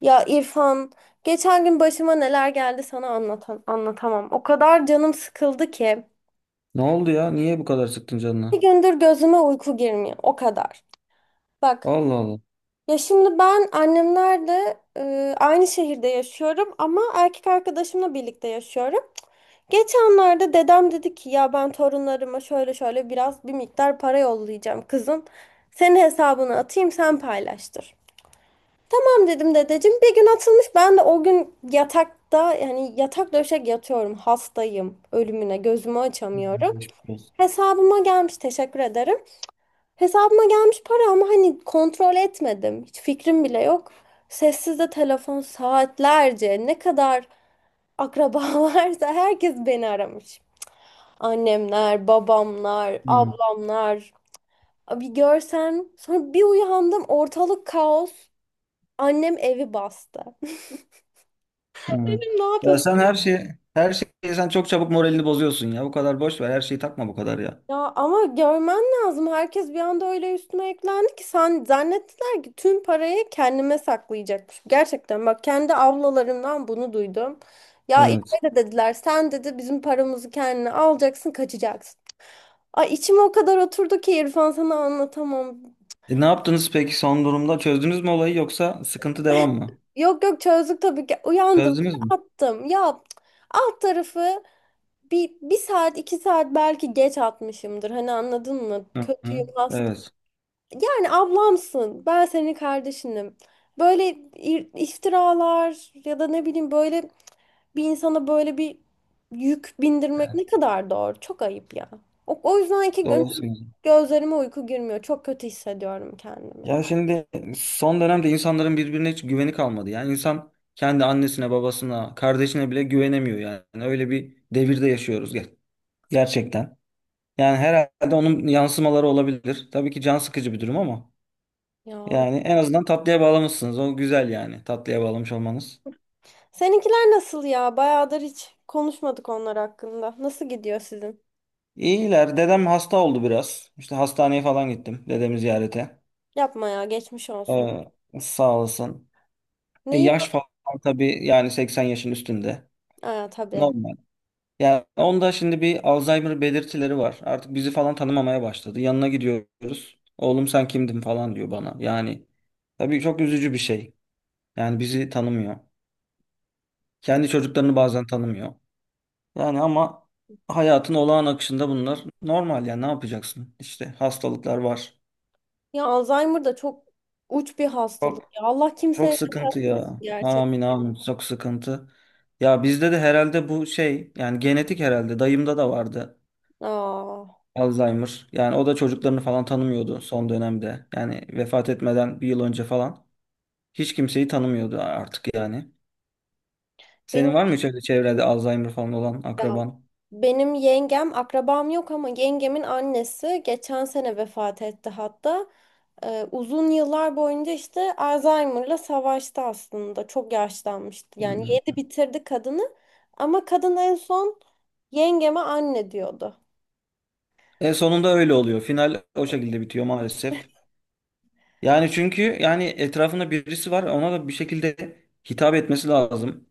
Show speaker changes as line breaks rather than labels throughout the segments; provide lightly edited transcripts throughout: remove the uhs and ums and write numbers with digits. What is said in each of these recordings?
Ya İrfan, geçen gün başıma neler geldi sana anlatamam. O kadar canım sıkıldı ki.
Ne oldu ya? Niye bu kadar sıktın
Bir
canına?
gündür gözüme uyku girmiyor. O kadar. Bak,
Allah Allah.
ya şimdi ben annemlerle aynı şehirde yaşıyorum ama erkek arkadaşımla birlikte yaşıyorum. Geçenlerde dedem dedi ki ya ben torunlarıma şöyle şöyle biraz bir miktar para yollayacağım kızım. Senin hesabını atayım, sen paylaştır. Tamam dedim dedeciğim. Bir gün atılmış. Ben de o gün yatakta, yani yatak döşek yatıyorum. Hastayım. Ölümüne gözümü
Hı,
açamıyorum.
geçmiş olsun.
Hesabıma gelmiş, teşekkür ederim. Hesabıma gelmiş para ama hani kontrol etmedim. Hiç fikrim bile yok. Sessizde telefon saatlerce, ne kadar akraba varsa herkes beni aramış. Annemler, babamlar,
Hı,
ablamlar. Bir görsen, sonra bir uyandım, ortalık kaos. Annem evi bastı.
hı.
Dedim ne
Ya
yapıyorsun?
sen her şeyi sen çok çabuk moralini bozuyorsun ya. Bu kadar boş ver. Her şeyi takma bu kadar ya.
Ya ama görmen lazım. Herkes bir anda öyle üstüme eklendi ki sen, zannettiler ki tüm parayı kendime saklayacakmış. Gerçekten bak, kendi ablalarımdan bunu duydum. Ya
Evet.
İlayda dediler, sen dedi bizim paramızı kendine alacaksın kaçacaksın. Ay, içim o kadar oturdu ki İrfan, sana anlatamam.
Ne yaptınız peki son durumda? Çözdünüz mü olayı yoksa sıkıntı devam mı?
Yok, yok, çözdük tabii ki. Uyandım
Çözdünüz mü?
attım. Ya cık, alt tarafı bir saat 2 saat belki geç atmışımdır. Hani anladın mı?
Hı hı.
Kötüyüm.
Evet.
Yani ablamsın, ben senin kardeşinim. Böyle iftiralar ya da ne bileyim, böyle bir insana böyle bir yük bindirmek ne kadar doğru? Çok ayıp ya. O yüzden ki
Doğru söylüyorsun.
gözlerime uyku girmiyor. Çok kötü hissediyorum kendimi.
Ya şimdi son dönemde insanların birbirine hiç güveni kalmadı. Yani insan kendi annesine, babasına, kardeşine bile güvenemiyor yani. Öyle bir devirde yaşıyoruz gerçekten. Yani herhalde onun yansımaları olabilir. Tabii ki can sıkıcı bir durum ama
Ya
yani en azından tatlıya bağlamışsınız. O güzel yani tatlıya bağlamış olmanız.
seninkiler nasıl ya? Bayağıdır hiç konuşmadık onlar hakkında. Nasıl gidiyor sizin?
İyiler. Dedem hasta oldu biraz. İşte hastaneye falan gittim dedemi ziyarete.
Yapma ya, geçmiş olsun.
Ee, Sağ olasın.
Neyi?
Yaş falan tabii yani 80 yaşın üstünde.
Aa, tabii.
Normal. Yani onda şimdi bir Alzheimer belirtileri var. Artık bizi falan tanımamaya başladı. Yanına gidiyoruz. Oğlum sen kimdin falan diyor bana. Yani tabii çok üzücü bir şey. Yani bizi tanımıyor. Kendi çocuklarını bazen tanımıyor. Yani ama hayatın olağan akışında bunlar normal yani ne yapacaksın? İşte hastalıklar var.
Ya Alzheimer da çok uç bir hastalık
Çok
ya. Allah
çok
kimseye
sıkıntı
göstermesin
ya.
gerçekten.
Amin amin çok sıkıntı. Ya bizde de herhalde bu şey yani genetik herhalde dayımda da vardı
Aa,
Alzheimer. Yani o da çocuklarını falan tanımıyordu son dönemde. Yani vefat etmeden bir yıl önce falan hiç kimseyi tanımıyordu artık yani. Senin
benim
var mı hiç öyle çevrede Alzheimer falan olan
ya,
akraban?
benim yengem akrabam yok ama yengemin annesi geçen sene vefat etti hatta. Uzun yıllar boyunca işte Alzheimer'la savaştı aslında. Çok yaşlanmıştı. Yani
Hmm.
yedi bitirdi kadını ama kadın en son yengeme anne diyordu.
E sonunda öyle oluyor. Final o şekilde bitiyor maalesef. Yani çünkü yani etrafında birisi var ona da bir şekilde hitap etmesi lazım.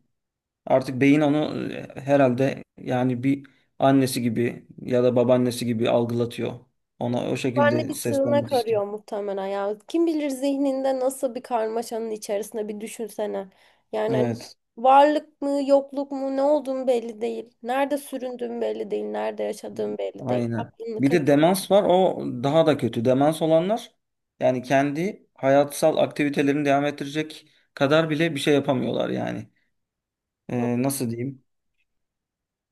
Artık beyin onu herhalde yani bir annesi gibi ya da babaannesi gibi algılatıyor. Ona o
Barney
şekilde
bir
seslenmek
sığınak
istiyor.
arıyor muhtemelen ya. Kim bilir zihninde nasıl bir karmaşanın içerisinde, bir düşünsene. Yani hani
Evet,
varlık mı yokluk mu, ne olduğun belli değil. Nerede süründüğün belli değil. Nerede yaşadığın belli değil.
aynen.
Aklını
Bir de
kaçırma.
demans var. O daha da kötü. Demans olanlar yani kendi hayatsal aktivitelerini devam ettirecek kadar bile bir şey yapamıyorlar yani. Nasıl diyeyim?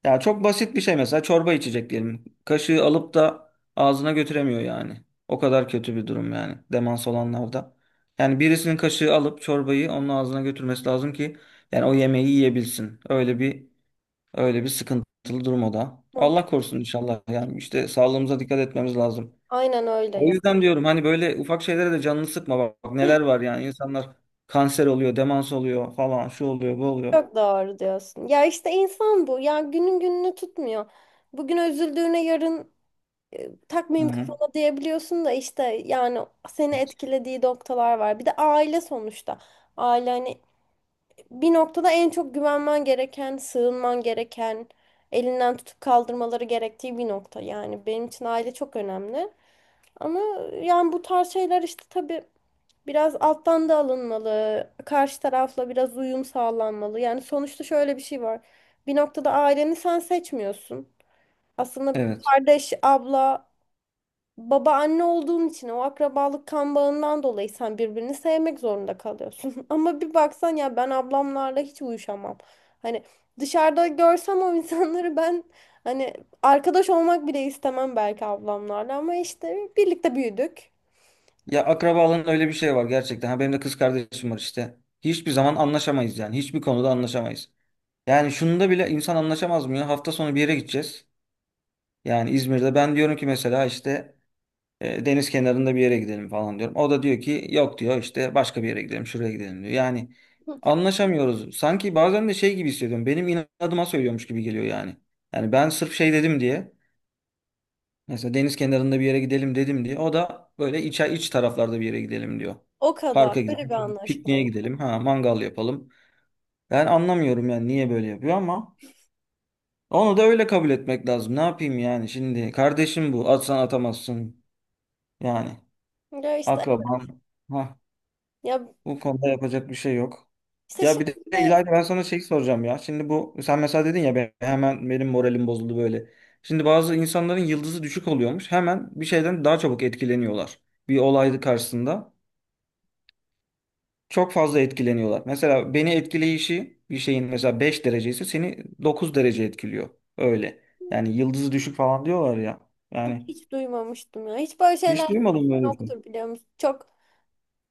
Ya çok basit bir şey mesela çorba içecek diyelim. Kaşığı alıp da ağzına götüremiyor yani. O kadar kötü bir durum yani demans olanlarda. Yani birisinin kaşığı alıp çorbayı onun ağzına götürmesi lazım ki yani o yemeği yiyebilsin. Öyle bir sıkıntılı durum o da. Allah korusun inşallah. Yani işte sağlığımıza dikkat etmemiz lazım.
Aynen öyle
O
ya.
yüzden diyorum hani böyle ufak şeylere de canını sıkma bak, bak neler var yani insanlar kanser oluyor, demans oluyor falan şu oluyor, bu oluyor.
Çok doğru diyorsun. Ya işte insan bu. Ya günün gününü tutmuyor. Bugün üzüldüğüne yarın
Hı
takmayayım
hı.
kafama diyebiliyorsun da işte yani seni etkilediği noktalar var. Bir de aile sonuçta. Aile hani bir noktada en çok güvenmen gereken, sığınman gereken, elinden tutup kaldırmaları gerektiği bir nokta. Yani benim için aile çok önemli. Ama yani bu tarz şeyler işte tabii biraz alttan da alınmalı. Karşı tarafla biraz uyum sağlanmalı. Yani sonuçta şöyle bir şey var. Bir noktada aileni sen seçmiyorsun. Aslında
Evet.
kardeş, abla, baba, anne olduğun için, o akrabalık kan bağından dolayı sen birbirini sevmek zorunda kalıyorsun. Ama bir baksan ya, ben ablamlarla hiç uyuşamam. Hani dışarıda görsem o insanları ben, hani arkadaş olmak bile istemem belki ablamlarla ama işte birlikte büyüdük.
Ya akrabalığın öyle bir şey var gerçekten. Ha, benim de kız kardeşim var işte. Hiçbir zaman anlaşamayız yani. Hiçbir konuda anlaşamayız. Yani şunda bile insan anlaşamaz mı ya? Hafta sonu bir yere gideceğiz. Yani İzmir'de ben diyorum ki mesela işte deniz kenarında bir yere gidelim falan diyorum. O da diyor ki yok diyor işte başka bir yere gidelim şuraya gidelim diyor. Yani anlaşamıyoruz. Sanki bazen de şey gibi hissediyorum. Benim inadıma söylüyormuş gibi geliyor yani. Yani ben sırf şey dedim diye. Mesela deniz kenarında bir yere gidelim dedim diye. O da böyle iç taraflarda bir yere gidelim diyor.
O kadar.
Parka
Öyle bir
gidelim, pikniğe
anlaşmalı.
gidelim, ha mangal yapalım. Ben anlamıyorum yani niye böyle yapıyor ama onu da öyle kabul etmek lazım. Ne yapayım yani şimdi? Kardeşim bu. Atsan atamazsın. Yani
Ya işte.
akraban. Ha,
Ya
bu konuda yapacak bir şey yok.
işte
Ya bir de
şimdi de
İlayda ben sana şey soracağım ya. Şimdi bu sen mesela dedin ya ben, hemen benim moralim bozuldu böyle. Şimdi bazı insanların yıldızı düşük oluyormuş. Hemen bir şeyden daha çabuk etkileniyorlar. Bir olay karşısında çok fazla etkileniyorlar. Mesela beni etkileyişi bir şeyin mesela 5 derece ise seni 9 derece etkiliyor. Öyle. Yani yıldızı düşük falan diyorlar ya. Yani
hiç duymamıştım ya. Hiç böyle şeyler
hiç duymadım böyle bir şey.
yoktur, biliyor musun? Çok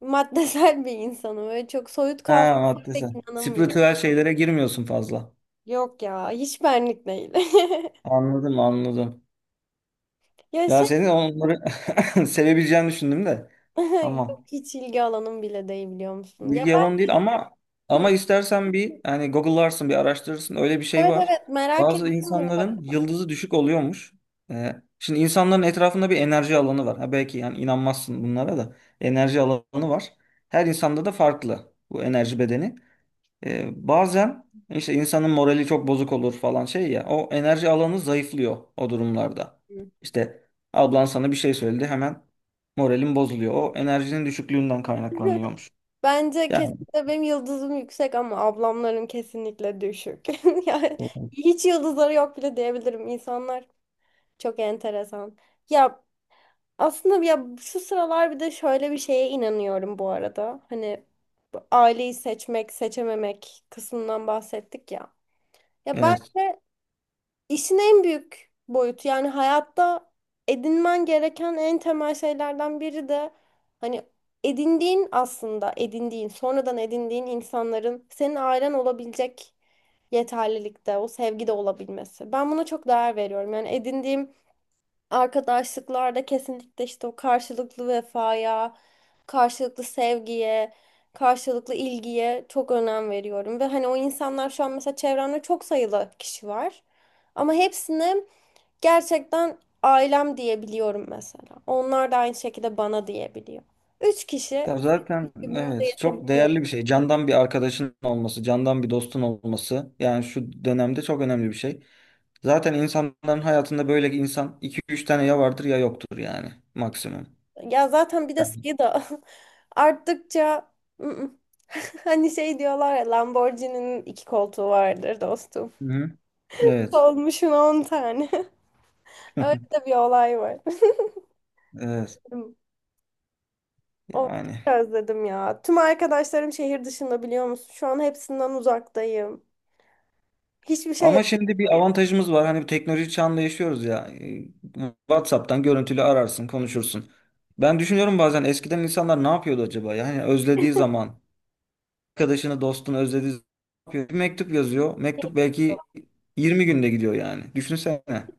maddesel bir insanım. Böyle çok soyut kavramlara
Ha maddesi.
pek inanamıyorum.
Spiritüel şeylere girmiyorsun fazla.
Yok ya, hiç benlik değil.
Anladım anladım.
Ya
Ya
şey.
senin onları sevebileceğini düşündüm de.
Yok,
Tamam.
hiç ilgi alanım bile değil, biliyor musun? Ya
Bilgi yalan
ben.
değil ama
Hı,
ama istersen bir hani Google'larsın bir araştırırsın öyle bir şey
evet,
var.
evet, merak
Bazı
ettim bu arada.
insanların yıldızı düşük oluyormuş. Şimdi insanların etrafında bir enerji alanı var. Ha belki yani inanmazsın bunlara da. Enerji alanı var. Her insanda da farklı bu enerji bedeni. Bazen işte insanın morali çok bozuk olur falan şey ya o enerji alanı zayıflıyor o durumlarda.
Hı.
İşte ablan sana bir şey söyledi hemen moralin bozuluyor. O enerjinin düşüklüğünden kaynaklanıyormuş.
Bence
Yani
kesinlikle benim yıldızım yüksek ama ablamların kesinlikle düşük. Yani hiç yıldızları yok bile diyebilirim. İnsanlar çok enteresan. Ya, aslında ya şu sıralar bir de şöyle bir şeye inanıyorum bu arada. Hani bu aileyi seçmek, seçememek kısmından bahsettik ya. Ya
evet.
bence işin en büyük boyutu, yani hayatta edinmen gereken en temel şeylerden biri de hani edindiğin, aslında edindiğin, sonradan edindiğin insanların senin ailen olabilecek yeterlilikte, o sevgide olabilmesi. Ben buna çok değer veriyorum. Yani edindiğim arkadaşlıklarda kesinlikle işte o karşılıklı vefaya, karşılıklı sevgiye, karşılıklı ilgiye çok önem veriyorum. Ve hani o insanlar, şu an mesela çevremde çok sayılı kişi var. Ama hepsini gerçekten ailem diyebiliyorum mesela. Onlar da aynı şekilde bana diyebiliyor. Üç kişi
Ya zaten
birbirimize
evet çok
yetebiliyor.
değerli bir şey. Candan bir arkadaşın olması, candan bir dostun olması yani şu dönemde çok önemli bir şey. Zaten insanların hayatında böyle insan iki üç tane ya vardır ya yoktur yani maksimum.
Ya zaten bir de
Yani.
sayı da arttıkça, ı-ı. Hani şey diyorlar ya, Lamborghini'nin iki koltuğu vardır dostum.
Hı hı. Evet.
Olmuşun 10 tane. Öyle de bir olay var.
Evet.
O, çok
Yani
özledim ya. Tüm arkadaşlarım şehir dışında, biliyor musun? Şu an hepsinden uzaktayım. Hiçbir şey
ama şimdi bir avantajımız var. Hani bu teknoloji çağında yaşıyoruz ya. WhatsApp'tan görüntülü ararsın, konuşursun. Ben düşünüyorum bazen eskiden insanlar ne yapıyordu acaba? Yani özlediği zaman arkadaşını, dostunu özlediği zaman ne yapıyor? Bir mektup yazıyor. Mektup belki
yapamam.
20 günde gidiyor yani. Düşünsene.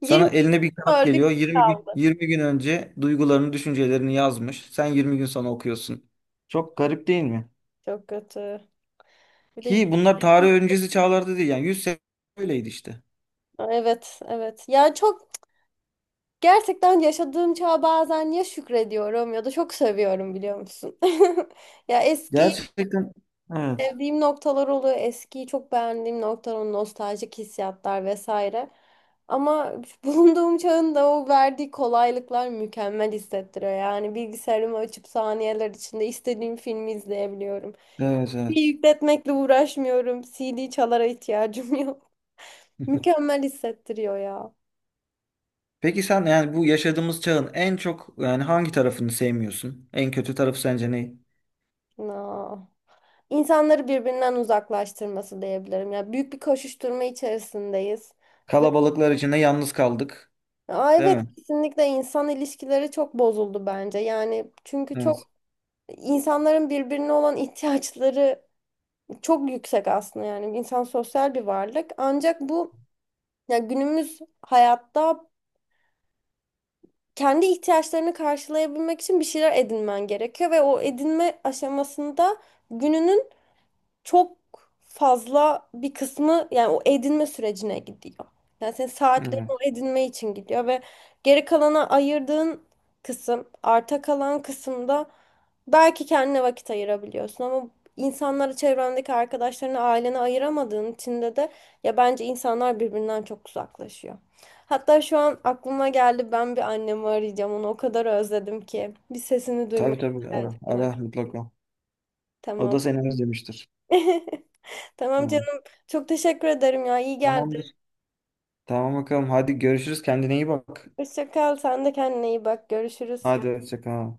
Sana
20,
eline bir kağıt
öldük
geliyor. 20 gün
kaldı.
20 gün önce duygularını, düşüncelerini yazmış. Sen 20 gün sonra okuyorsun. Çok garip değil mi?
Çok kötü. Bir de
Ki bunlar tarih öncesi çağlarda değil yani 100 sene öyleydi işte.
evet, evet. Ya çok, gerçekten yaşadığım çağa bazen ya şükrediyorum ya da çok seviyorum, biliyor musun? Ya eski.
Gerçekten evet.
Sevdiğim noktalar oluyor. Eskiyi çok beğendiğim noktalar, o nostaljik hissiyatlar vesaire. Ama bulunduğum çağın da o verdiği kolaylıklar mükemmel hissettiriyor. Yani bilgisayarımı açıp saniyeler içinde istediğim filmi izleyebiliyorum.
Evet
Bir
evet.
yükletmekle uğraşmıyorum. CD çalara ihtiyacım yok. Mükemmel hissettiriyor ya.
Peki sen yani bu yaşadığımız çağın en çok yani hangi tarafını sevmiyorsun? En kötü tarafı sence ne?
Na. İnsanları birbirinden uzaklaştırması diyebilirim. Ya, büyük bir koşuşturma içerisindeyiz.
Kalabalıklar içinde yalnız kaldık,
Aa,
değil
evet,
mi?
kesinlikle insan ilişkileri çok bozuldu bence. Yani çünkü
Evet.
çok, insanların birbirine olan ihtiyaçları çok yüksek aslında, yani insan sosyal bir varlık. Ancak bu, ya günümüz hayatta kendi ihtiyaçlarını karşılayabilmek için bir şeyler edinmen gerekiyor ve o edinme aşamasında gününün çok fazla bir kısmı, yani o edinme sürecine gidiyor. Yani senin saatlerin
Evet.
o edinme için gidiyor ve geri kalana ayırdığın kısım, arta kalan kısımda belki kendine vakit ayırabiliyorsun ama insanlara, çevrendeki arkadaşlarına, ailene ayıramadığın içinde de ya bence insanlar birbirinden çok uzaklaşıyor. Hatta şu an aklıma geldi, ben bir annemi arayacağım, onu o kadar özledim ki, bir sesini duymaya
Tabii tabii ara
ihtiyacım
ara
var.
mutlaka. O
Tamam.
da seni özlemiştir.
Tamam
Yani.
canım. Çok teşekkür ederim ya. İyi geldi.
Tamamdır. Tamam bakalım. Hadi görüşürüz. Kendine iyi bak.
Hoşça kal. Sen de kendine iyi bak. Görüşürüz.
Hadi hoşça kal.